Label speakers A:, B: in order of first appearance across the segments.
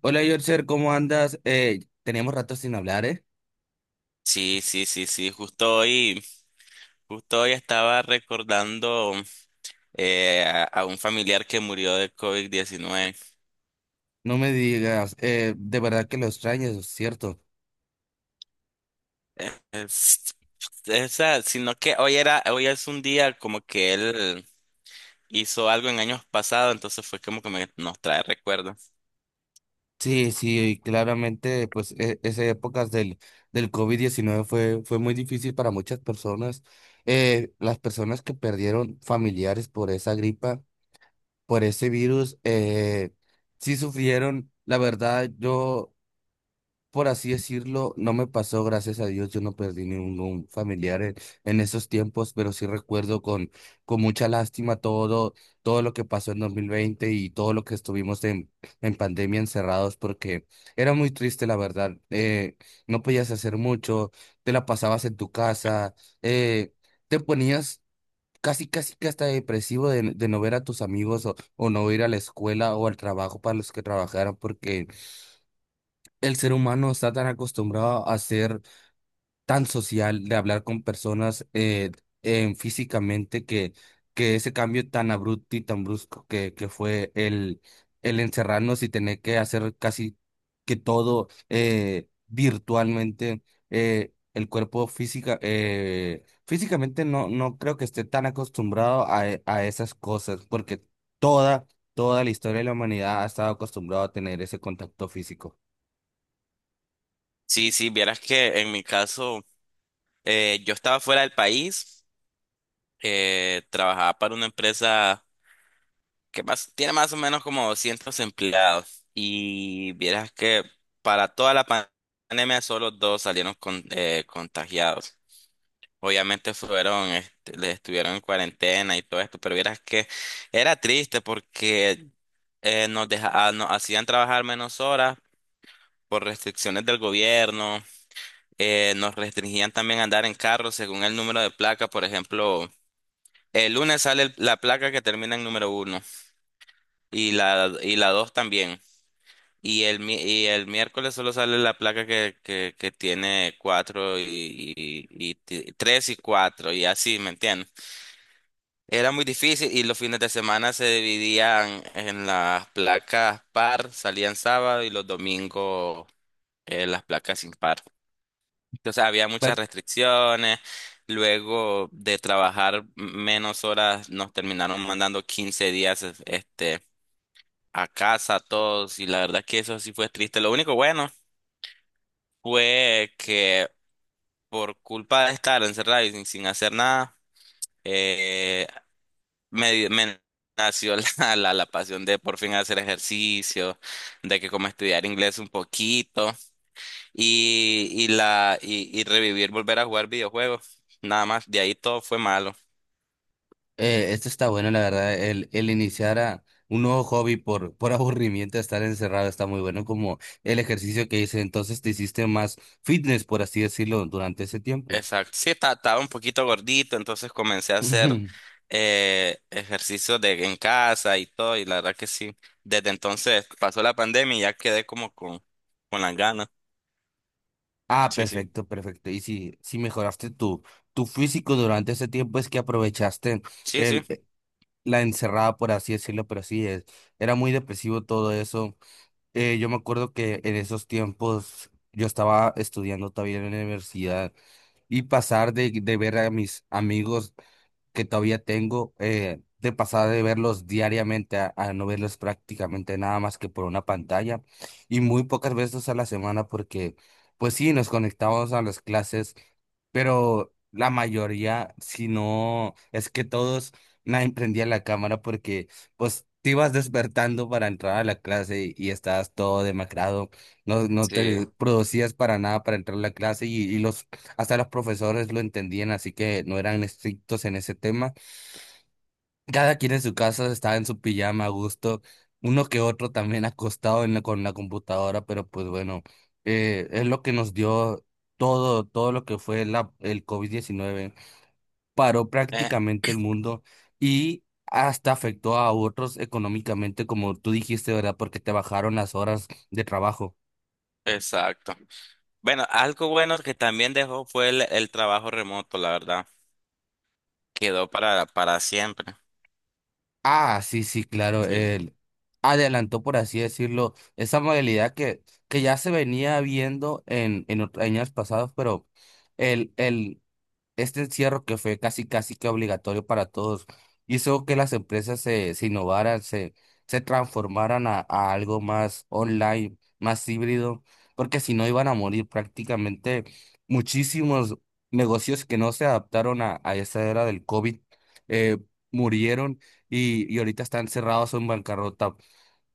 A: Hola, Yorcher, ¿cómo andas? Teníamos rato sin hablar, ¿eh?
B: Sí, sí, sí, sí. Justo hoy estaba recordando a un familiar que murió de COVID-19.
A: No me digas, de verdad que lo extrañas, ¿cierto?
B: Eh, es- Esa, sino que hoy es un día como que él hizo algo en años pasados, entonces fue como que nos trae recuerdos.
A: Sí, sí, claramente, pues esas épocas del COVID-19 fue muy difícil para muchas personas. Las personas que perdieron familiares por esa gripa, por ese virus, sí sufrieron. La verdad, yo, por así decirlo, no me pasó, gracias a Dios. Yo no perdí ningún familiar en esos tiempos, pero sí recuerdo con mucha lástima todo lo que pasó en 2020, y todo lo que estuvimos en pandemia encerrados, porque era muy triste, la verdad. No podías hacer mucho, te la pasabas en tu casa, eh, te ponías casi, casi que hasta depresivo de no ver a tus amigos o no ir a la escuela o al trabajo para los que trabajaron, porque el ser humano está tan acostumbrado a ser tan social, de hablar con personas, en físicamente, que ese cambio tan abrupto y tan brusco que fue el encerrarnos y tener que hacer casi que todo, virtualmente. El cuerpo físicamente, no creo que esté tan acostumbrado a esas cosas, porque toda, toda la historia de la humanidad ha estado acostumbrado a tener ese contacto físico.
B: Sí, sí, vieras que en mi caso, yo estaba fuera del país, trabajaba para una empresa. Tiene más o menos como 200 empleados y vieras que para toda la pandemia solo dos salieron contagiados. Obviamente fueron, les estuvieron en cuarentena y todo esto, pero vieras que era triste porque nos hacían trabajar menos horas por restricciones del gobierno, nos restringían también andar en carro según el número de placa, por ejemplo, el lunes sale la placa que termina en número uno y la dos también. Y el miércoles solo sale la placa que tiene cuatro y tres y cuatro y así, ¿me entiendes? Era muy difícil y los fines de semana se dividían en las placas par, salían sábado y los domingos las placas impar. Entonces había muchas restricciones. Luego de trabajar menos horas nos terminaron mandando 15 días a casa a todos y la verdad que eso sí fue triste. Lo único bueno fue que por culpa de estar encerrado y sin hacer nada, eh, me nació la pasión de por fin hacer ejercicio, de que como estudiar inglés un poquito y revivir, volver a jugar videojuegos. Nada más, de ahí todo fue malo.
A: Esto está bueno, la verdad. El iniciar a un nuevo hobby por aburrimiento, estar encerrado, está muy bueno, como el ejercicio que hice. Entonces te hiciste más fitness, por así decirlo, durante ese tiempo.
B: Exacto. Sí, estaba un poquito gordito, entonces comencé a hacer
A: Ujú.
B: ejercicio de en casa y todo, y la verdad que sí. Desde entonces pasó la pandemia y ya quedé como con las ganas.
A: Ah,
B: Sí, sí.
A: perfecto, perfecto. Y si mejoraste tu físico durante ese tiempo, es que aprovechaste
B: Sí, sí.
A: el, eh, la encerrada, por así decirlo, pero sí, es, era muy depresivo todo eso. Yo me acuerdo que en esos tiempos yo estaba estudiando todavía en la universidad, y pasar de ver a mis amigos que todavía tengo, de pasar de verlos diariamente a no verlos prácticamente nada más que por una pantalla, y muy pocas veces a la semana, porque, pues sí, nos conectamos a las clases, pero la mayoría, si no es que todos, nadie prendía la cámara porque pues te ibas despertando para entrar a la clase, y estabas todo demacrado, no
B: Sí.
A: te producías para nada para entrar a la clase, y los hasta los profesores lo entendían, así que no eran estrictos en ese tema. Cada quien en su casa estaba en su pijama a gusto, uno que otro también acostado en con la computadora, pero pues bueno, es lo que nos dio todo lo que fue el covid diecinueve. Paró
B: Eh,
A: prácticamente el mundo y hasta afectó a otros económicamente, como tú dijiste, ¿verdad? Porque te bajaron las horas de trabajo.
B: exacto. Bueno, algo bueno que también dejó fue el trabajo remoto, la verdad. Quedó para siempre.
A: Ah, sí, sí, claro,
B: Sí.
A: él adelantó, por así decirlo, esa modalidad que ya se venía viendo en, en años pasados, pero el este encierro, que fue casi casi que obligatorio para todos, hizo que las empresas se innovaran, se transformaran a algo más online, más híbrido, porque si no iban a morir prácticamente muchísimos negocios que no se adaptaron a esa era del COVID. eh, Murieron, y ahorita están cerrados o en bancarrota.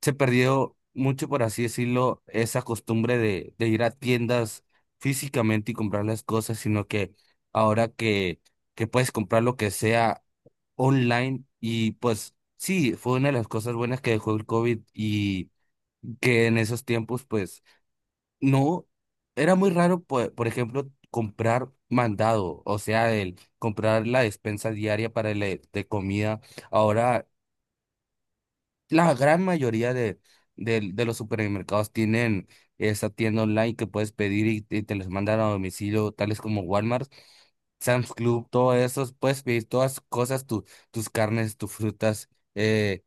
A: Se perdió mucho, por así decirlo, esa costumbre de ir a tiendas físicamente y comprar las cosas, sino que ahora que puedes comprar lo que sea online. Y pues sí, fue una de las cosas buenas que dejó el COVID. Y que en esos tiempos, pues no, era muy raro, por ejemplo, comprar mandado, o sea, el comprar la despensa diaria para el, de comida. Ahora la gran mayoría de los supermercados tienen esa tienda online que puedes pedir, y te les mandan a domicilio, tales como Walmart, Sam's Club, todo eso. Puedes pedir todas cosas, tus carnes, tus frutas, eh,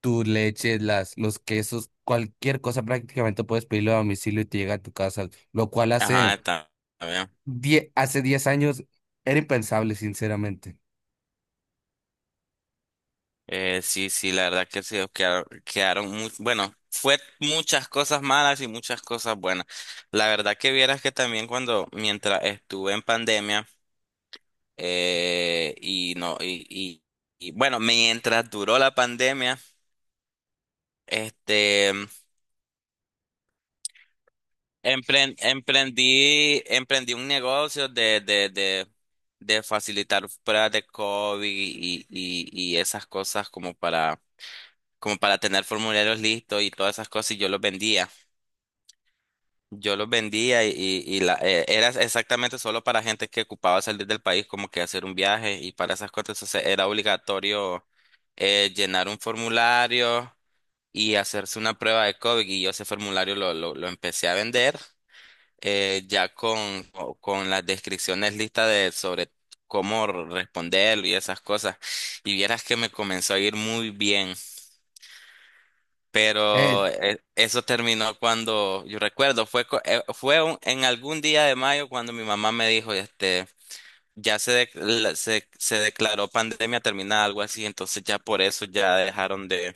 A: tu leche, los quesos, cualquier cosa prácticamente puedes pedirlo a domicilio y te llega a tu casa, lo cual
B: Ajá,
A: hace
B: está bien.
A: 10 años era impensable, sinceramente.
B: Sí, sí, la verdad que sí, quedaron bueno, fue muchas cosas malas y muchas cosas buenas. La verdad que vieras que también cuando, mientras estuve en pandemia, y no, y bueno, mientras duró la pandemia, este, emprendí un negocio de facilitar pruebas de COVID y esas cosas como para tener formularios listos y todas esas cosas y yo los vendía. Yo los vendía y era exactamente solo para gente que ocupaba salir del país, como que hacer un viaje y para esas cosas. Entonces era obligatorio llenar un formulario y hacerse una prueba de COVID. Y yo ese formulario lo empecé a vender ya con las descripciones listas de, sobre cómo responderlo y esas cosas. Y vieras que me comenzó a ir muy bien.
A: Eh,
B: Pero eso terminó cuando, yo recuerdo, fue, co- fue un- en algún día de mayo cuando mi mamá me dijo, ya se, de- la- se declaró pandemia terminada, algo así, entonces ya por eso ya dejaron de,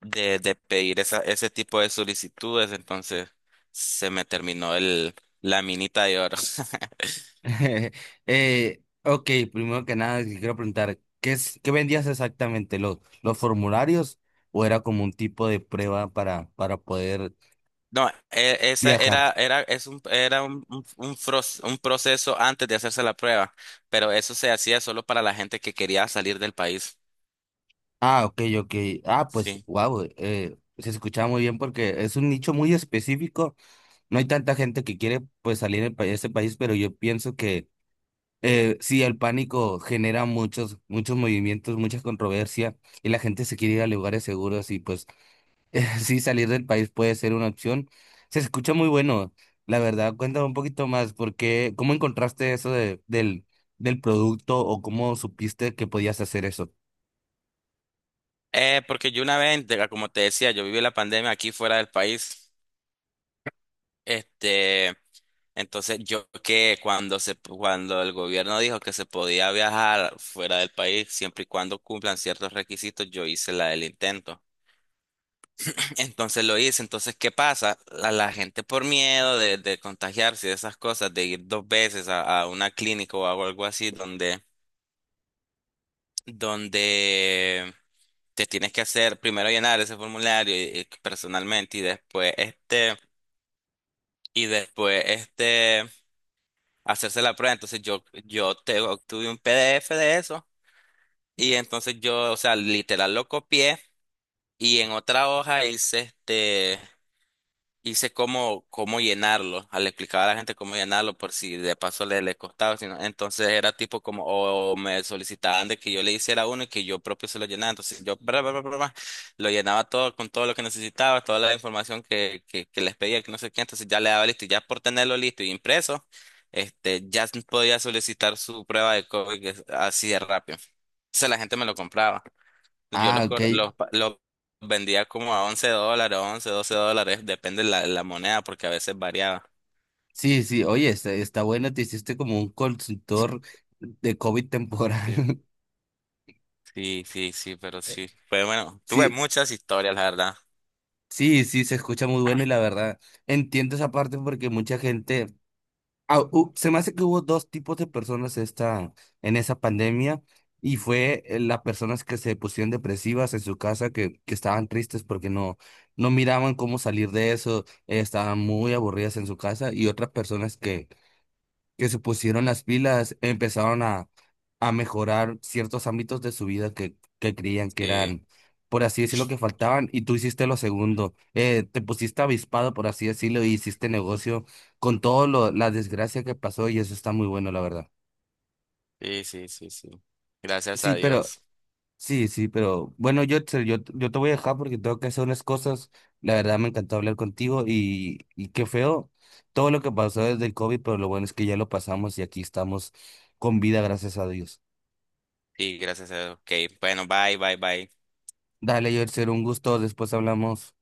B: de, de pedir ese tipo de solicitudes, entonces se me terminó la minita de oro.
A: Ok, primero que nada, te quiero preguntar, ¿qué es, qué vendías exactamente? ¿Los formularios, o era como un tipo de prueba para poder
B: No, e- esa
A: viajar?
B: era, era, es un, era un, un proceso antes de hacerse la prueba, pero eso se hacía solo para la gente que quería salir del país.
A: Ah, ok, ok. Ah, pues,
B: Sí.
A: wow, se escuchaba muy bien, porque es un nicho muy específico. No hay tanta gente que quiere, pues, salir de ese país, pero yo pienso que, sí, el pánico genera muchos, muchos movimientos, mucha controversia, y la gente se quiere ir a lugares seguros, y pues sí, salir del país puede ser una opción. Se escucha muy bueno. La verdad, cuéntame un poquito más, porque ¿cómo encontraste eso del producto, o cómo supiste que podías hacer eso?
B: Porque yo una vez, como te decía, yo viví la pandemia aquí fuera del país. Este, entonces yo que cuando el gobierno dijo que se podía viajar fuera del país, siempre y cuando cumplan ciertos requisitos, yo hice la del intento. Entonces lo hice. Entonces, ¿qué pasa? La gente por miedo de contagiarse y de esas cosas, de ir dos veces a una clínica o algo así, donde te tienes que hacer primero llenar ese formulario y personalmente y después hacerse la prueba. Entonces yo te obtuve un PDF de eso y entonces yo, o sea, literal lo copié y en otra hoja hice cómo llenarlo. Le explicaba a la gente cómo llenarlo por si de paso le costaba. Entonces era tipo como, o me solicitaban de que yo le hiciera uno y que yo propio se lo llenara. Entonces yo bra, bra, bra, bra, bra, lo llenaba todo con todo lo que necesitaba, toda la información que les pedía, que no sé qué. Entonces ya le daba listo y ya por tenerlo listo y impreso, ya podía solicitar su prueba de COVID así de rápido. Entonces la gente me lo compraba. Yo
A: Ah,
B: los,
A: ok.
B: cor- los, pa- los vendía como a $11, 11 $12, depende la moneda, porque a veces variaba.
A: Sí, sí, oye, está bueno, te hiciste como un consultor de COVID temporal.
B: Sí, sí, sí, sí, pero sí. Pues bueno, tuve
A: Sí,
B: muchas historias, la verdad.
A: sí, sí, se escucha muy bueno, y la verdad, entiendo esa parte porque mucha gente... se me hace que hubo dos tipos de personas en esa pandemia, y fue, las personas que se pusieron depresivas en su casa, que estaban tristes porque no miraban cómo salir de eso, estaban muy aburridas en su casa, y otras personas que se pusieron las pilas, empezaron a mejorar ciertos ámbitos de su vida que creían que
B: Sí,
A: eran, por así decirlo, que faltaban, y tú hiciste lo segundo. Te pusiste avispado, por así decirlo, y hiciste negocio con todo lo, la desgracia que pasó, y eso está muy bueno, la verdad.
B: sí, sí, sí, sí. Gracias
A: Sí,
B: a
A: pero,
B: Dios.
A: sí, sí, pero, bueno, yo te voy a dejar porque tengo que hacer unas cosas. La verdad, me encantó hablar contigo, y qué feo todo lo que pasó desde el COVID, pero lo bueno es que ya lo pasamos y aquí estamos con vida, gracias a Dios.
B: Sí, gracias a Dios. OK, bueno, bye, bye, bye.
A: Dale, Yerser, un gusto. Después hablamos.